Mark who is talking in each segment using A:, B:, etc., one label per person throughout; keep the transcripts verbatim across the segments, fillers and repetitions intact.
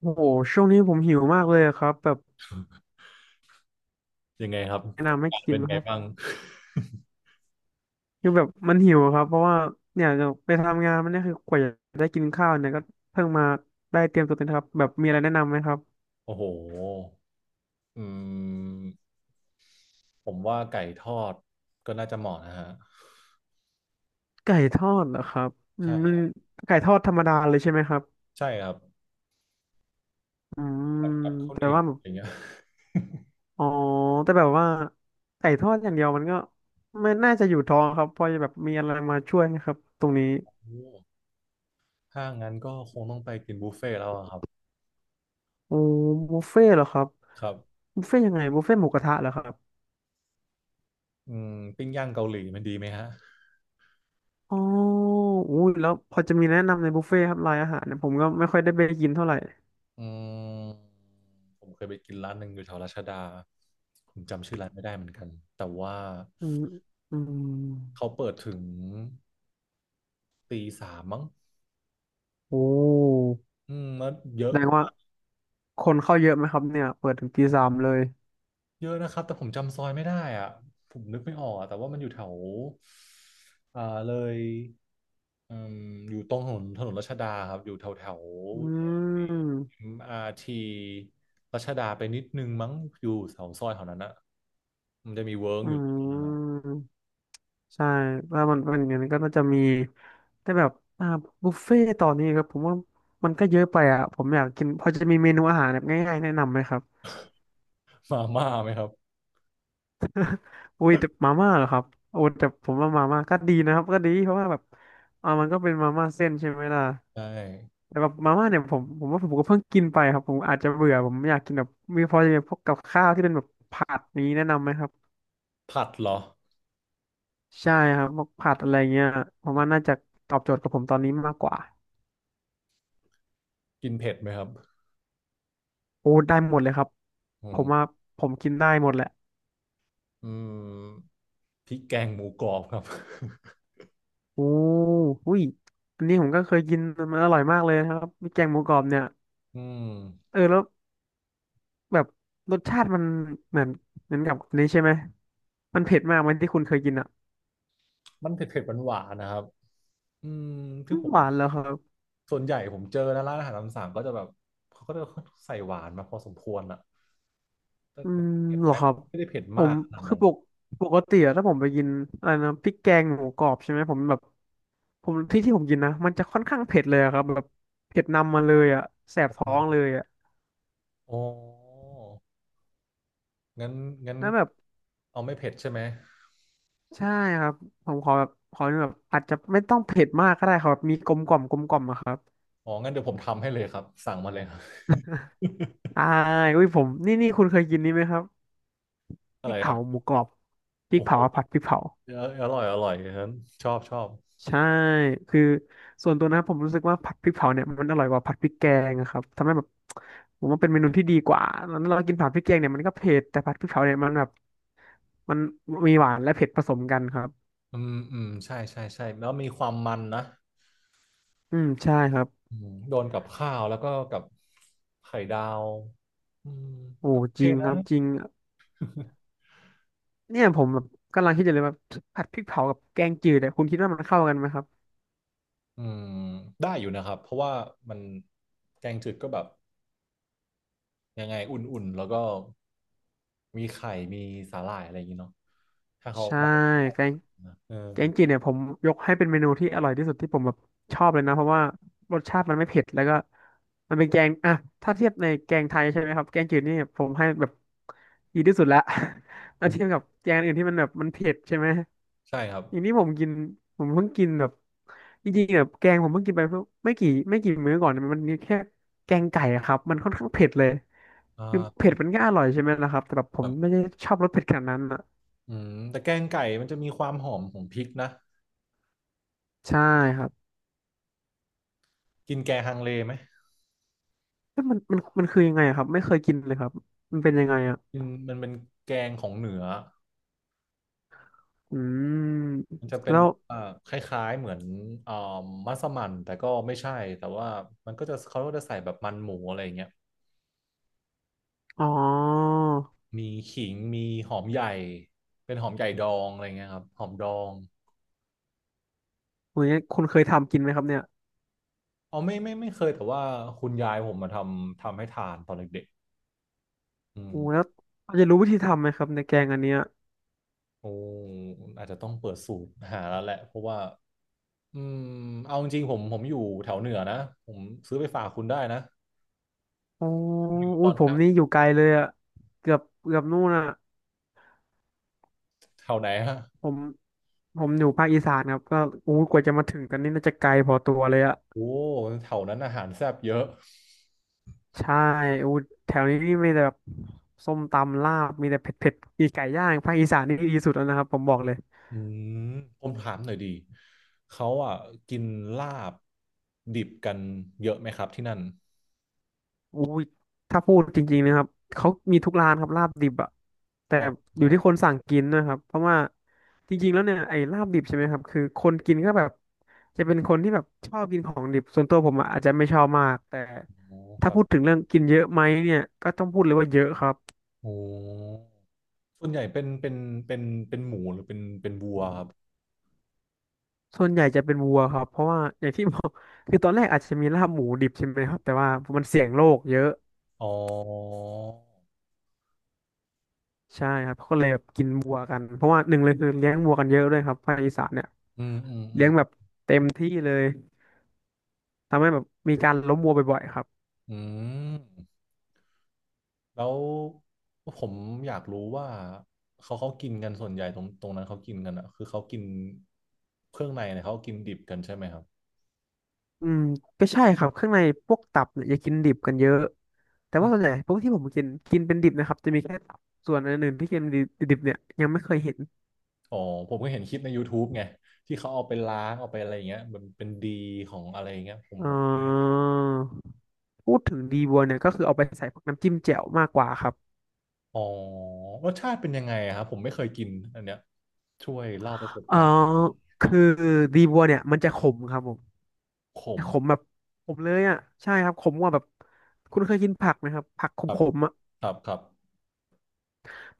A: โอ้โหช่วงนี้ผมหิวมากเลยอะครับแบบ
B: ยังไงครับ
A: แนะ
B: อา
A: นำให้
B: กาศ
A: กิ
B: เป็
A: น
B: น
A: นะ
B: ไง
A: ครับ
B: บ้าง
A: คือแบบมันหิวอะครับเพราะว่าเนี่ยจะไปทำงานมันเนี่ยคือกว่าจะได้กินข้าวเนี่ยก็เพิ่งมาได้เตรียมตัวเอ็มะครับแบบมีอะไรแนะนำไหมครับ
B: โอ้โหอืมผมว่าไก่ทอดก็น่าจะเหมาะนะฮะ
A: ไก่ทอดเหรอครับอืม
B: ใช่
A: ไก่ทอดธรรมดาเลยใช่ไหมครับ
B: ใช่ครับ
A: อื
B: กับ
A: ม
B: กับข้าวเห
A: แต่
B: นียว
A: ว่าแบบ
B: อย่างเงี้ย
A: อ๋อแต่แบบว่าไก่ทอดอย่างเดียวมันก็ไม่น่าจะอยู่ท้องครับเพอจะแบบมีอะไรมาช่วยนะครับตรงนี้
B: โอ้ถ้างั้นก็คงต้องไปกินบุฟเฟ่ต์แล้วอะครับ
A: โอ้บุฟเฟ่ต์เหรอครับ
B: ครับ
A: บุฟเฟ่ต์ยังไงบุฟเฟ่ต์หมูกระทะเหรอครับ
B: อืมปิ้งย่างเกาหลีมันดีไหมฮะ
A: อ๋ออุ้ยแล้วพอจะมีแนะนำในบุฟเฟ่ต์ครับรายอาหารเนี่ยผมก็ไม่ค่อยได้ไปกินเท่าไหร่
B: อืมผมเคยไปกินร้านหนึ่งอยู่แถวรัชดาผมจำชื่อร้านไม่ได้เหมือนกันแต่ว่า
A: อืมอืม
B: เขาเปิดถึงตีสามมั้ง
A: โอ้
B: อืมแล้วเย
A: แส
B: อะ
A: ดงว่าคนเข้าเยอะไหมครับเนี่ย เปิดถึงตีสามเลย
B: เยอะนะครับแต่ผมจำซอยไม่ได้อ่ะผมนึกไม่ออกอะแต่ว่ามันอยู่แถวอ่าเลยอืมอยู่ตรงถนนถนนรัชดาครับอยู่แถวแถว
A: อืม
B: เอ็ม อาร์ ารทีรัชดาไปนิดนึงมั้งอยู่แถวซอยแถวนั้นอ่ะมันจะมีเวิร์ก
A: อื
B: อยู่
A: มใช่ถ้ามันเป็นอย่างนั้นก็น่าจะมีแต่แบบอ่าบุฟเฟ่ต์ตอนนี้ครับผมว่ามันก็เยอะไปอ่ะ ผมอยากกินพอจะมีเมนูอาหารแบบง่ายๆแนะนำไหมครับ
B: มาม่าไหมครับ
A: อุ้ยแต่มาม่าเหรอครับโอ้แต่ผมว่ามาม่าก็ดีนะครับก็ดีเพราะว่าแบบอ่ามันก็เป็นมาม่าเส้นใช่ไหมล่ะ
B: ใช่
A: แต่แบบมาม่าเนี่ยผมผมว่าผมก็เพิ่งกินไปครับผมอาจจะเบื่อผมไม่อยากกินแบบมีพอจะมีพวกกับข้าวที่เป็นแบบผัดนี้แนะนำไหมครับ
B: ผัดเหรอ
A: ใช่ครับพวกผัดอะไรเงี้ยผมว่าน่าจะตอบโจทย์กับผมตอนนี้มากกว่า
B: กินเผ็ดไหมครับ
A: โอ้ได้หมดเลยครับ
B: อื
A: ผ
B: ม
A: มว่าผมกินได้หมดแหละ
B: อืมพริกแกงหมูกรอบครับ
A: โอ้อุ้ยอันนี้ผมก็เคยกินมันอร่อยมากเลยนะครับมีแกงหมูกรอบเนี่ย
B: อืม
A: เออแล้ว แบบรสชาติมันเหมือนเหมือนกับนี้ใช่ไหมมันเผ็ดมากไหมัที่คุณเคยกินอ่ะ
B: มันเผ็ดเผ็ดหวานหวานๆนะครับอืมที่ผม
A: หวานแล้วครับ
B: ส่วนใหญ่ผมเจอนะร้านอาหารตามสั่งก็จะแบบเขาก็จะใส่หวานมาพอสมควรอ่ะแต่
A: อืม
B: เผ็ด
A: เหร
B: ไหม
A: อครับ
B: ไม่ได้เผ็ด
A: ผ
B: มา
A: ม
B: กขนาด
A: คือ
B: นั้น
A: ปกปกติอะถ้าผมไปกินอะไรนะพริกแกงหมูกรอบใช่ไหมผมแบบผมที่ที่ผมกินนะมันจะค่อนข้างเผ็ดเลยอะครับแบบเผ็ดนำมาเลยอ่ะแสบท้องเลยอ่ะ
B: อ๋องั้นงั้น
A: แล้วแบบ
B: เอาไม่เผ็ดใช่ไหม
A: ใช่ครับผมขอแบบขอแบบอาจจะไม่ต้องเผ็ดมากก็ได้ครับมีกลมกล่อมกลมกล่อมอะครับ
B: อ๋องั้นเดี๋ยวผมทำให้เลยครับสั่งมาเลย ครับ
A: อ่าอุ้ยผมนี่นี่คุณเคยกินนี้ไหมครับ พ
B: อะ
A: ริ
B: ไร
A: ก
B: ครั
A: เผาห
B: บ
A: มูกรอบพริ
B: โอ้
A: ก
B: โห
A: เผาผัดพริกเผา
B: เอออร่อยอร่อยฉันชอบชอบ
A: ใช่คือส่วนตัวนะผมรู้สึกว่าผัดพริกเผาเนี่ยมันอร่อยกว่าผัดพริกแกงนะครับทำให้แบบผมว่าเป็นเมนูที่ดีกว่าแล้วเรากินผัดพริกแกงเนี่ยมันก็เผ็ดแต่ผัดพริกเผาเนี่ยมันแบบมันมีหวานและเผ็ดผสมกันครับ
B: อืมอืมใช่ใช่ใช่แล้วมีความมันนะ
A: อืมใช่ครับ
B: อืมโดนกับข้าวแล้วก็กับไข่ดาวอืม
A: โอ้
B: ก็โอ
A: จ
B: เค
A: ริงค
B: นะ
A: รับจริงเนี่ยผมแบบกำลังคิดอยู่เลยว่าผัดพริกเผากับแกงจืดเนี่ยคุณคิดว่ามันเข้ากันไหมครับ
B: อืมได้อยู่นะครับเพราะว่ามันแกงจืดก็แบบยังไงอุ่นๆแล้วก็มีไข่มีสาหร่ายอะไรอย่างงี้เนาะถ้าเขา
A: ใช่
B: แบบ
A: แกง
B: นะเออ
A: แกงจืดเนี่ยผมยกให้เป็นเมนูที่อร่อยที่สุดที่ผมแบบชอบเลยนะเพราะว่ารสชาติมันไม่เผ็ดแล้วก็มันเป็นแกงอ่ะถ้าเทียบในแกงไทยใช่ไหมครับแกงจืดนี่ผมให้แบบดีที่สุดละ แล้วเทียบกับแกงอื่นที่มันแบบมันเผ็ดใช่ไหม
B: ใช่ครับ
A: อย่างที่ผมกินผมเพิ่งกินแบบจริงๆแบบแกงผมเพิ่งกินไปเพิ่งไม่กี่ไม่กี่มื้อก่อนเนี่ยมันมีแค่แกงไก่อะครับมันค่อนข้างเผ็ดเลย
B: อ่
A: คือเผ็
B: า
A: ดมันก็อร่อยใช่ไหมล่ะครับแต่แบบผ
B: แบ
A: ม
B: บ
A: ไม่ได้ชอบรสเผ็ดขนาดนั้นอ่ะ
B: อืมแต่แกงไก่มันจะมีความหอมของพริกนะ
A: ใช่ครับ
B: กินแกงฮังเลไหม
A: เอ๊ะมันมันมันคือยังไงอะครับ ไม่เคยกินเลยครับมันเป็นยังไงอ่ะ
B: กินมันเป็นแกงของเหนือ
A: อืม
B: มันจะเป็น
A: แล้ว
B: แบบว่าคล้ายๆเหมือนอ่ามัสมั่นแต่ก็ไม่ใช่แต่ว่ามันก็จะเขาก็จะใส่แบบมันหมูอะไรอย่างเงี้ย
A: อ๋อ
B: มีขิงมีหอมใหญ่ เป็นหอมใหญ่ดองอะไรเงี้ยครับ หอมดอง
A: โหอย่างเงี้ยคุณเคยทำกินไหมครับเนี่ย
B: อ๋อไม่ไม่ไม่เคยแต่ว่าคุณยายผมมาทำทำให้ทานตอนเด็กๆอืม
A: โอ้แล้วเราจะรู้วิธีทำไหมครับในแกงอันเนี้ย
B: โอ้อาจจะต้องเปิดสูตรหาแล้วแหละ เพราะว่าอืมเอาจริงๆผมผมอยู่แถวเหนือนะ ผมซื้อไปฝากคุณได้นะ
A: อ๋อ
B: ตอ
A: อุ้ย
B: น
A: ผม
B: นี้
A: นี่อยู่ไกลเลยอ่ะเกือบเกือบนู่นอ่ะ
B: แถวไหนฮะ
A: ผมผมอยู่ภาคอีสานครับก็อู้กว่าจะมาถึงกันนี่น่าจะไกลพอตัวเลยอ่ะ
B: โอ้แถวนั้นอาหารแซ่บเยอะ
A: ใช่อู้แถวนี้นี่มีแต่แบบส้มตำลาบ มีแต่เผ็ดเผ็ดมีไก่ย่างภาคอีสานนี่ดีสุดแล้วนะครับผมบอกเลย
B: อืมผมถามหน่อยดี เขาอ่ะกินลาบดิบกันเยอะไหมครับที่นั่น
A: อุ้ยถ้าพูดจริงๆนะครับเขามีทุกร้านครับลาบดิบอะแต่
B: อ๋อ
A: อยู่ที่คนสั่งกินนะครับเพราะว่าจริงๆแล้วเนี่ยไอ้ลาบดิบใช่ไหมครับคือคนกินก็แบบจะเป็นคนที่แบบชอบกินของดิบส่วนตัวผมอะอาจจะไม่ชอบมากแต่
B: อ๋อค
A: ถ้า
B: รับ
A: พูดถึงเรื่องกินเยอะไหมเนี่ยก็ต้องพูดเลยว่าเยอะครับ
B: โอ้ส่วนใหญ่เป็นเป็นเป็นเป็นหมูหรือเป็นเป็นวัวครับ
A: ส่วนใหญ่จะเป็นวัวครับเพราะว่าอย่างที่บอกคือตอนแรกอาจจะมีลาบหมูดิบใช่ไหมครับแต่ว่ามันเสี่ยงโรคเยอะ
B: อ๋อ
A: ใช่ครับเขาก็เลยแบบกินวัวกันเพราะว่าหนึ่งเลยคือเลี้ยงวัวกันเยอะด้วยครับภาคอีสานเนี่ย
B: อืมอืมอื
A: เลี้ย
B: ม
A: งแบบ ที่เลยทำให้แบบมีการล้มวัวบ่อยๆครับ
B: อืมแล้วผมอยากรู้ว่าเขาเขากินกันส่วนใหญ่ตรงตรงนั้นเขากินกันอ่ะคือเขากินเครื่องในเนี่ยเขากินดิบกันใช่ไหมครับ
A: อืมก็ใช่ครับข้างในพวกตับเนี่ยอย่ากินดิบกันเยอะแต่
B: อื
A: ว่าส่วนให
B: ม
A: ญ่พวกที่ผมกินกินเป็นดิบนะครับจะมีแค่ตับส่วนอันอื่นที่กินดิบดิบเนี่ยยังไม่เคยเห็น
B: อ๋อผมก็เห็นคลิปใน ยูทูบ ไงที่เขาเอาไปล้างเอาไปอะไรอย่างเงี้ยมันเป็นดีของอะไรอย่างเงี้ยผม
A: เอ่
B: ผม
A: อพูดถึงดีบัวเนี่ยก็คือเอาไปใส่พวกน้ำจิ้มแจ่วมากกว่าครับ
B: อ๋อรสชาติเป็นยังไงอะครับผมไม่เคยกินอันเนี้ยช่วยเล่าประสบ
A: เอ่อ
B: การณ์
A: คือดีบัวเนี่ยมันจะขมครับผมขมแบบขมเลยอ่ะใช่ครับขมกว่าแบบคุณเคยกินผักไหมครับผักข
B: ครับ
A: มๆอ่ะ
B: ครับครับ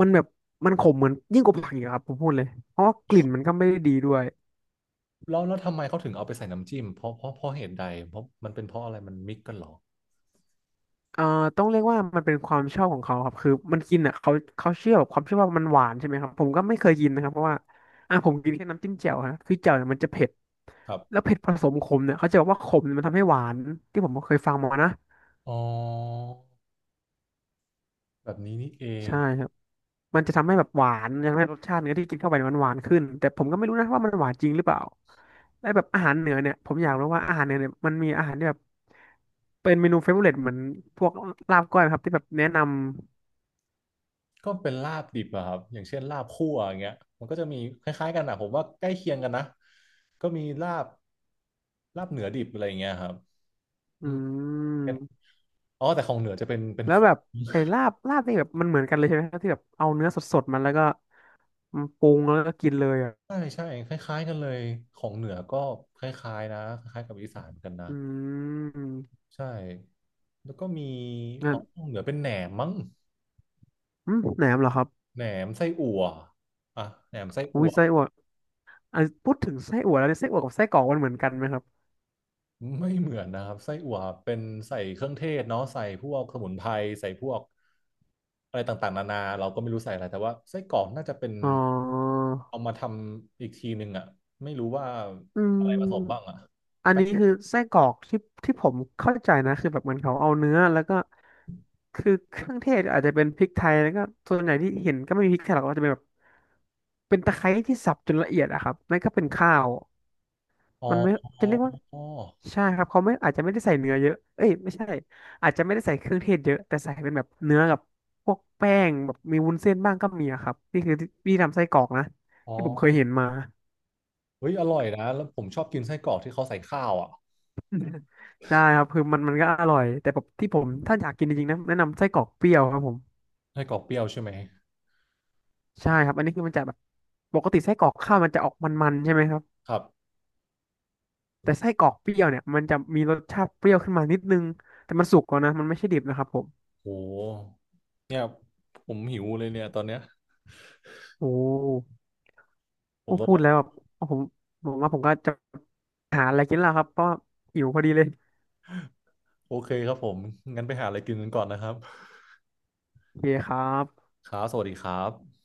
A: มันแบบมันขมเหมือนยิ่งกว่าผักอีกอะครับผมพูดเลยเพราะว่ากลิ่นมันก็ไม่ได้ดีด้วย
B: แล้วแล้วทำไมเขาถึงเอาไปใส่น้ำจิ้มเพราะเพราะ เพราะเหตุใดเพราะมันเป็นเพราะอะไรมันมิกกันเหรอ
A: เอ่อต้องเรียกว่ามันเป็นความชอบของเขาครับคือมันกินอ่ะเขาเขาเชื่อแบบความเชื่อว่ามันหวานใช่ไหมครับผมก็ไม่เคยกินนะครับเพราะว่าอ่ะผมกินแค่น้ำจิ้มแจ่วฮะคือแจ่วเนี่ยมันจะเผ็ด
B: ครั
A: แล้
B: บ
A: วเผ็ดผสมขมเนี่ยเขาจะบอกว่าขมเนี่ยมันทำให้หวานที่ผมเคยฟังมานะ
B: อ๋อแบบนี้นี่เอง
A: ใช่ครับ มันจะทำให้แบบหวานทำให้รสชาติเนื้อที่กินเข้าไปเนี่ยมันหวานขึ้นแต่ผมก็ไม่รู้นะว่ามันหวานจริงหรือเปล่า และแบบอาหารเหนือเนี่ยผมอยากรู้ว่าอาหารเหนือเนี่ยมันมีอาหารที่แบบเป็นเมนูเฟเวอเรเหมือนพวกลาบก้อยไหมครับที่แบบแนะน
B: ก็เป็นลาบดิบอะครับอย่างเช่นลาบคั่วอย่างเงี้ยมันก็จะมีคล้ายๆกันอะผมว่าใกล้เคียงกันนะก็มีลาบลาบเหนือดิบอะไรอย่างเงี้ยครับ
A: ำอื
B: อืม
A: ม
B: อ๋อแต่ของเหนือจะเป็นเป็น
A: แล้
B: ข
A: ว
B: อง
A: แบบไอ้ลาบลาบนี่แบบมันเหมือนกันเลยใช่ไหมครับที่แบบเอาเนื้อสดๆมันแล้วก็มาปรุงแล้วก็กินเลยอ่ะ
B: ใช่ใช่คล้ายๆกันเลยของเหนือก็คล้ายๆนะคล้ายๆกับอีสานเหมือนกันนะ
A: อืม
B: ใช่แล้วก็มี
A: งั้
B: อ๋อ
A: น
B: เหนือเป็นแหนมมั้ง
A: อืมแหนมเหรอครับ
B: แหนมไส้อั่วอ่ะแหนมไส้
A: อุ้
B: อั่
A: ย
B: ว
A: ไส้อั่วอ่ะพูดถึงไส้อั่วแล้วเนี่ยไส้อั่วกับไส้กรอกมันเหมือนกันไหมครับ
B: ไม่เหมือนนะครับไส้อั่วเป็นใส่เครื่องเทศเนาะใส่พวกสมุนไพรใส่พวกอะไรต่างๆนานาเราก็ไม่รู้ใส่อะไรแต่ว่าไส้กรอกน่าจะเป็น
A: อ๋อ
B: เอามาทำอีกทีหนึ่งอ่ะไม่รู้ว่า
A: อื
B: อะ
A: ม
B: ไรผสมบ้างอ่ะ
A: อัน
B: แป๊
A: นี้
B: บ
A: คือไส้กรอกที่ที่ผมเข้าใจนะคือแบบเหมือนเขาเอาเนื้อแล้วก็คือเครื่องเทศอาจจะเป็นพริกไทยแล้วก็ส่วนใหญ่ที่เห็นก็ไม่มีพริกไทยหรอกก็จะเป็นแบบเป็นตะไคร้ที่สับจนละเอียดอะครับนั่นก็เป็นข้าว
B: อ๋อ
A: มันไม่จะเรียกว่า
B: อ๋อ
A: ใช่ครับเขาไม่อาจจะไม่ได้ใส่เนื้อเยอะเอ้ยไม่ใช่อาจจะไม่ได้ใส่เครื่องเทศเยอะแต่ใส่เป็นแบบเนื้อกับพวกแป้งแบบมีวุ้นเส้นบ้างก็มีอะครับนี่คือที่ทำไส้กรอกนะ
B: อ๋อ
A: ที่ผมเคยเห็นมา
B: เฮ้ยอร่อยนะแล้วผมชอบกินไส้กรอกที่เขาใส่ข้าวอ่ะ
A: ใช่ครับคือมันมันก็อร่อยแต่แบบที่ผมถ้าอยากกินจริงๆนะแนะนำไส้กรอกเปรี้ยวครับผม
B: ไส้กรอกเปรี้ยวใช่ไหม
A: ใช่ครับอันนี้คือมันจะแบบปกติไส้กรอกข้าวมันจะออกมันๆใช่ไหมครับ
B: ครับ
A: แต่ไส้กรอกเปรี้ยวเนี่ยมันจะมีรสชาติเปรี้ยวขึ้นมานิดนึงแต่มันสุกก่อนนะมันไม่ใช่ดิบนะครับผม
B: โหเนี่ยผมหิวเลยเนี่ยตอนเนี้ย
A: โอ้โ
B: ผ
A: ห
B: มต้อ
A: พูดแล้
B: ง
A: วแบบผมผมว่าผมก็จะหาอะไรกินแล้วครับเพราะว่าหิวพอดีเลย
B: โอเคครับผม งั้นไปหาอะไรกินกันก่อนนะครับ
A: โอเคครับ
B: ครับ สวัสดีครับ